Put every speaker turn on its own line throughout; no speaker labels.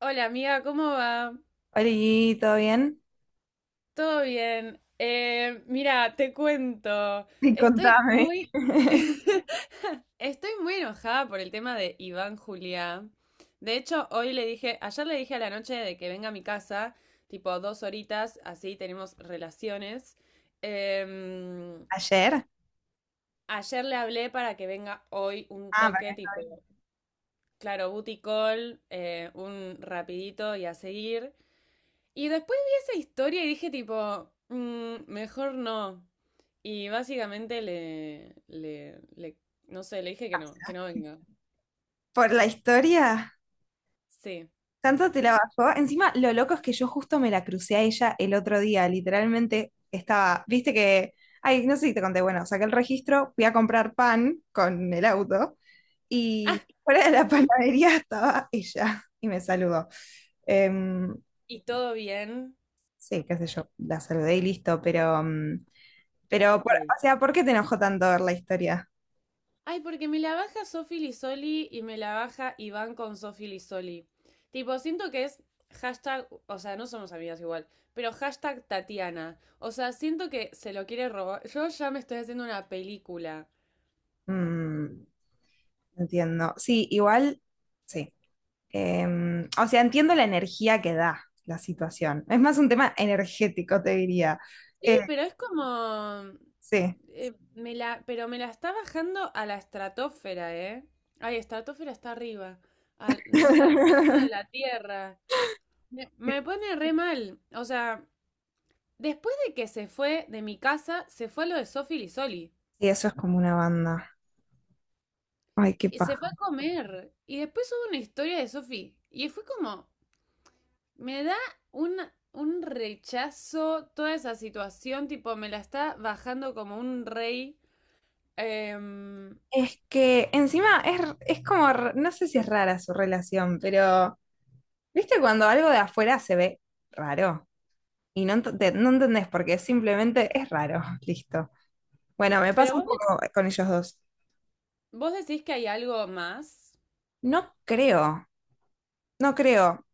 Hola amiga, ¿cómo va?
Oli, ¿todo bien?
¿Todo bien? Mira, te cuento.
Sí,
Estoy
contame.
muy... Estoy muy enojada por el tema de Iván Juliá. De hecho, ayer le dije a la noche de que venga a mi casa, tipo dos horitas, así tenemos relaciones. Em,
¿Ayer?
ayer le hablé para que venga hoy un
Ah, para-
toque
que-
tipo, claro, booty call, un rapidito y a seguir. Y después vi esa historia y dije tipo, "Mm, mejor no". Y básicamente no sé, le dije que no venga.
por la historia.
Sí.
Tanto te la bajó. Encima, lo loco es que yo justo me la crucé a ella el otro día. Literalmente estaba, viste que, ay, no sé si te conté, bueno, saqué el registro, fui a comprar pan con el auto
Ah,
y fuera de la panadería estaba ella y me saludó. Em,
y todo bien.
sí, qué sé yo, la saludé y listo, pero, mm, pero,
Ok.
por- o sea, ¿por qué te enojó tanto ver la historia?
Ay, porque me la baja Sofi Lisoli y me la baja Iván con Sofi Lisoli. Tipo, siento que es hashtag, o sea, no somos amigas igual, pero hashtag Tatiana. O sea, siento que se lo quiere robar. Yo ya me estoy haciendo una película.
Mm. Entiendo. Sí, igual, sí. O sea, entiendo la energía que da la situación. Es más un tema energético, te diría.
Sí,
Eh,
pero es como...
sí.
pero me la está bajando a la estratosfera, ¿eh? Ay, estratosfera está arriba. Al, no sé, al centro de la Tierra. Me pone re mal. O sea, después de que se fue de mi casa, se fue a lo de Sofi Lisoli.
Sí, eso es como una banda. Ay, qué
Y se fue
paja.
a comer. Y después hubo una historia de Sofi. Y fue como... Me da un, un rechazo toda esa situación. Tipo, me la está bajando como un rey. Em,
Es que encima es, r- es como, r- no sé si es rara su relación, pero ¿viste cuando algo de afuera se ve raro? Y no, ent- te- no entendés porque simplemente es raro. Listo. Bueno, me
pero
pasa un
vos
poco con ellos dos.
¿Vos decís que hay algo más?
No creo, no creo.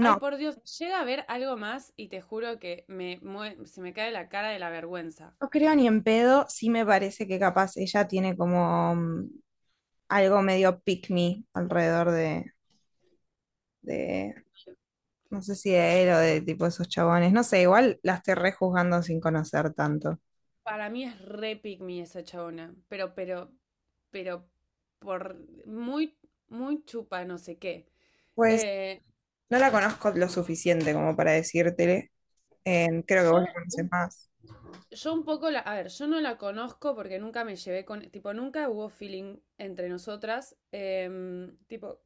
Ay, por Dios, llega a haber algo más y te juro que se me cae la cara de la vergüenza.
No creo ni en pedo, sí me parece que capaz ella tiene como algo medio pick me alrededor de, no sé si de él o de tipo esos chabones, no sé, igual la estoy rejuzgando sin conocer tanto.
Para mí es re pick me esa chabona, pero, por muy, muy chupa, no sé qué.
Pues
Eh,
no la conozco lo suficiente como para decírtele, creo que vos la
yo,
conoces más.
yo a ver, yo no la conozco porque nunca me llevé con, tipo, nunca hubo feeling entre nosotras, tipo,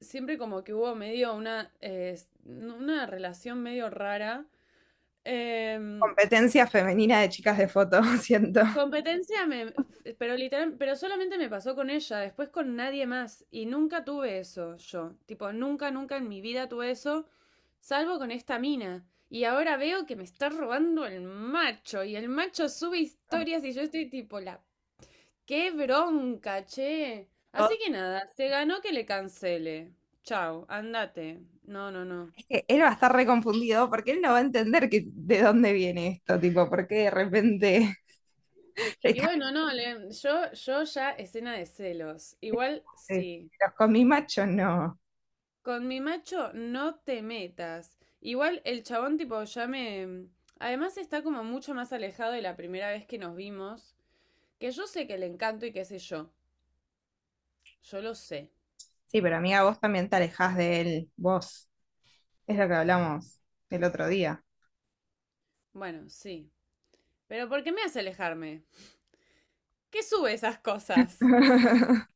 siempre como que hubo medio una, una relación medio rara. Em,
Competencia femenina de chicas de foto, siento.
competencia, pero literal, pero solamente me pasó con ella, después con nadie más. Y nunca tuve eso yo. Tipo, nunca, nunca en mi vida tuve eso, salvo con esta mina. Y ahora veo que me está robando el macho. Y el macho sube historias y yo estoy tipo. ¡Qué bronca, che! Así
Todo-
que nada, se ganó que le cancele. Chau, andate. No, no, no.
Es que él va a estar reconfundido porque él no va a entender que, de dónde viene esto, tipo, porque de repente ¿le
Y bueno, no, yo ya escena de celos. Igual
cambié?
sí.
¿Los comí macho? No.
Con mi macho no te metas. Igual el chabón tipo. Además está como mucho más alejado de la primera vez que nos vimos, que yo sé que le encanto y qué sé yo. Yo lo sé.
Sí, pero amiga, vos también te alejás de él, vos. Es lo que hablamos el otro día.
Bueno, sí. Pero ¿por qué me hace alejarme? ¿Qué sube esas cosas?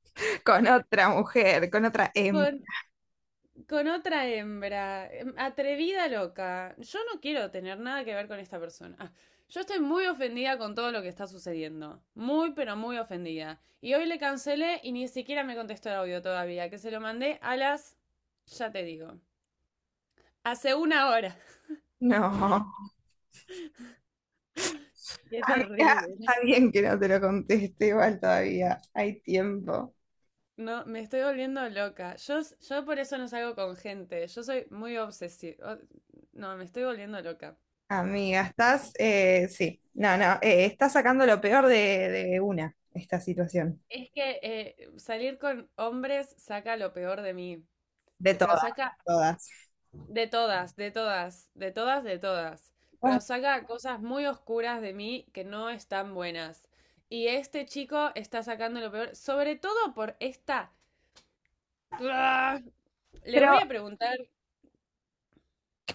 Con otra mujer, con otra em.
Por Con otra hembra, atrevida loca. Yo no quiero tener nada que ver con esta persona. Ah, yo estoy muy ofendida con todo lo que está sucediendo. Muy, pero muy ofendida. Y hoy le cancelé y ni siquiera me contestó el audio todavía, que se lo mandé a las... ya te digo. Hace una hora.
No.
Qué
Había
terrible.
alguien que no te lo conteste igual todavía. Hay tiempo.
No, me estoy volviendo loca. Yo por eso no salgo con gente. Yo soy muy obsesiva. No, me estoy volviendo loca.
Amiga, estás, sí, no, no, estás sacando lo peor de una, esta situación.
Es que salir con hombres saca lo peor de mí.
De
Pero
todas, de
saca
todas.
de todas, de todas, de todas, de todas. Pero
Ah,
saca cosas muy oscuras de mí que no están buenas. Y este chico está sacando lo peor, sobre todo por esta... ¡Bua! Le
pero
voy a preguntar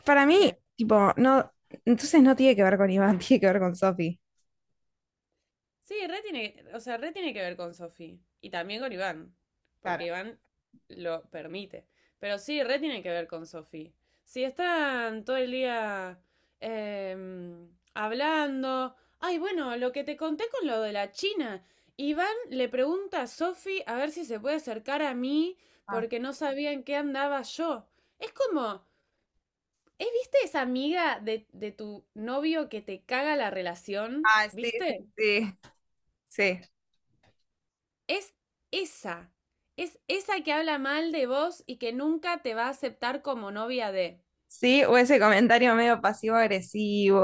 para mí,
qué.
tipo, no, entonces no tiene que ver con Iván, tiene que ver con Sofi.
Sí, re tiene, o sea, re tiene que ver con Sofi y también con Iván,
Claro.
porque Iván lo permite. Pero sí, re tiene que ver con Sofi. Si están todo el día hablando, ay, bueno, lo que te conté con lo de la China, Iván le pregunta a Sofi a ver si se puede acercar a mí
Ah,
porque no sabía en qué andaba yo. Es como, viste esa amiga de, tu novio que te caga la relación?
ah, sí, sí,
¿Viste?
sí. Sí.
Es esa. Es esa que habla mal de vos y que nunca te va a aceptar como novia de.
Sí, o ese comentario medio pasivo-agresivo.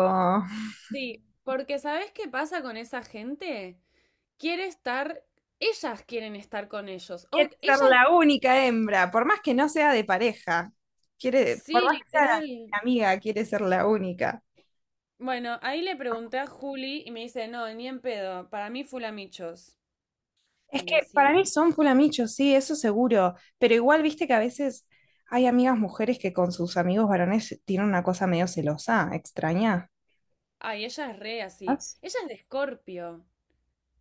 Sí, porque ¿sabés qué pasa con esa gente? Quiere estar, ellas quieren estar con ellos. O
Quiere ser
ellas,
la única hembra, por más que no sea de pareja, quiere, por
sí,
más que sea
literal.
de amiga, quiere ser la única.
Bueno, ahí le pregunté a Juli y me dice, no, ni en pedo, para mí fulamichos.
Es que para
Decí,
mí son fulamichos, sí, eso seguro, pero igual viste que a veces hay amigas mujeres que con sus amigos varones tienen una cosa medio celosa, extraña.
ay, ella es re así.
¿Vas?
Ella es de Escorpio.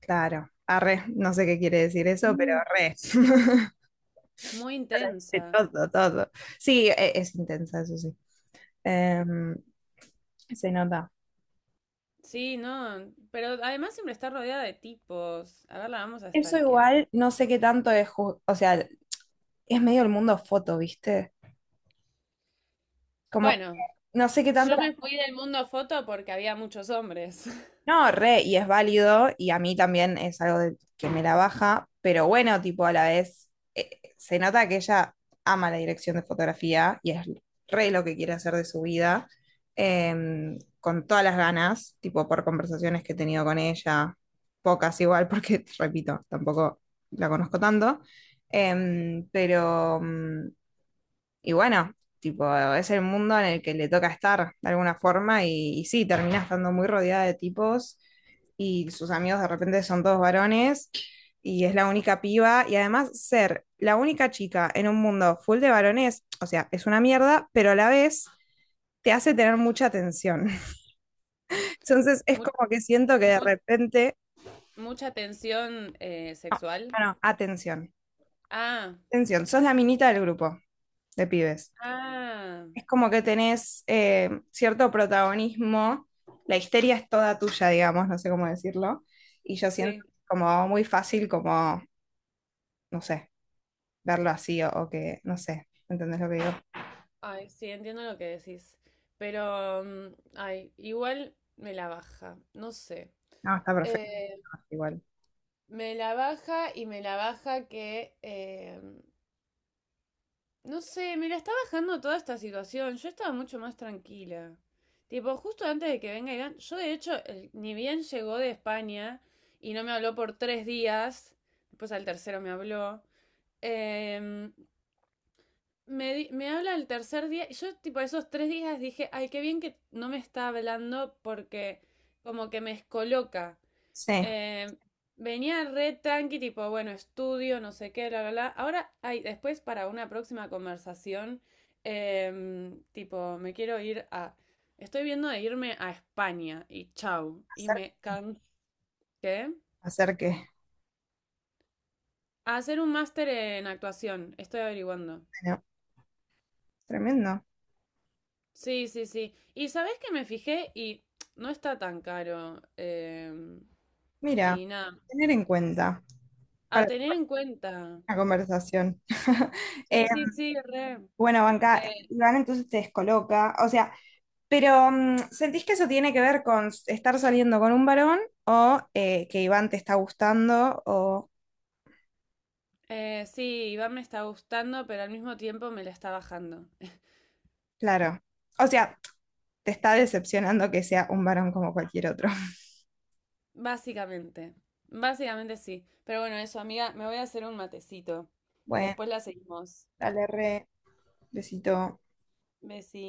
Claro, arre, no sé qué quiere decir eso, pero
Mm.
re.
Muy
De
intensa.
todo, todo. Sí, e- es, intensa, eso sí. Em, se nota.
Sí, no, pero además siempre está rodeada de tipos. A ver, la vamos a
Eso
stalkear.
igual, no sé qué tanto es, ju- o sea, es medio el mundo foto, ¿viste? Como,
Bueno,
no sé qué tanto...
yo
la-
me fui del mundo foto porque había muchos hombres.
No, re, y es válido, y a mí también es algo de- que me la baja, pero bueno, tipo, a la vez, eh, se nota que ella ama la dirección de fotografía y es re lo que quiere hacer de su vida, con todas las ganas, tipo, por conversaciones que he tenido con ella, pocas igual, porque, repito, tampoco la conozco tanto, em, pero... mm, Y bueno, tipo, es el mundo en el que le toca estar de alguna forma y sí, termina estando muy rodeada de tipos y sus amigos de repente son todos varones y es la única piba y además ser la única chica en un mundo full de varones, o sea, es una mierda, pero a la vez te hace tener mucha atención. Entonces es
Mu-
como que siento que de
mu-
repente,
mucha tensión
no,
sexual.
no, no, atención,
Ah,
atención, sos la minita del grupo de pibes.
ah,
Es como que tenés cierto protagonismo, la histeria es toda tuya, digamos, no sé cómo decirlo, y yo siento
sí.
como muy fácil como, no sé, verlo así o que, no sé, ¿entendés lo que digo?
Ay, sí, entiendo lo que decís. Pero, ay, igual me la baja, no sé.
No, está perfecto,
Eh,
igual.
me la baja y me la baja que no sé, me la está bajando toda esta situación. Yo estaba mucho más tranquila. Tipo, justo antes de que venga Iván, yo de hecho, ni bien llegó de España y no me habló por 3 días, después al tercero me habló, em, me habla el tercer día y yo tipo esos 3 días dije, ay, qué bien que no me está hablando porque como que me descoloca
Sí,
eh, venía re tranqui, tipo, bueno, estudio, no sé qué, bla, bla, bla. Ahora, ay, después para una próxima conversación, tipo, me quiero ir a... Estoy viendo de irme a España y chau. Y
hacer,
me canqué
hacer que,
a hacer un máster en actuación. Estoy averiguando.
bueno, tremendo.
Sí, sí, sí. Y sabes que me fijé y no está tan caro. em,
Mira,
y nada,
tener en cuenta
a
para
tener en cuenta.
una conversación. Eh,
Sí, sí, sí, re.
bueno, Banca,
Eh,
Iván entonces te descoloca, o sea, pero, mm, ¿sentís que eso tiene que ver con s- estar saliendo con un varón o que Iván te está gustando o,
sí, Iván me está gustando, pero al mismo tiempo me la está bajando.
claro, o sea, te está decepcionando que sea un varón como cualquier otro?
Básicamente. Básicamente sí. Pero bueno, eso, amiga, me voy a hacer un matecito.
Bueno,
Después la seguimos.
dale re, besito.
Besí.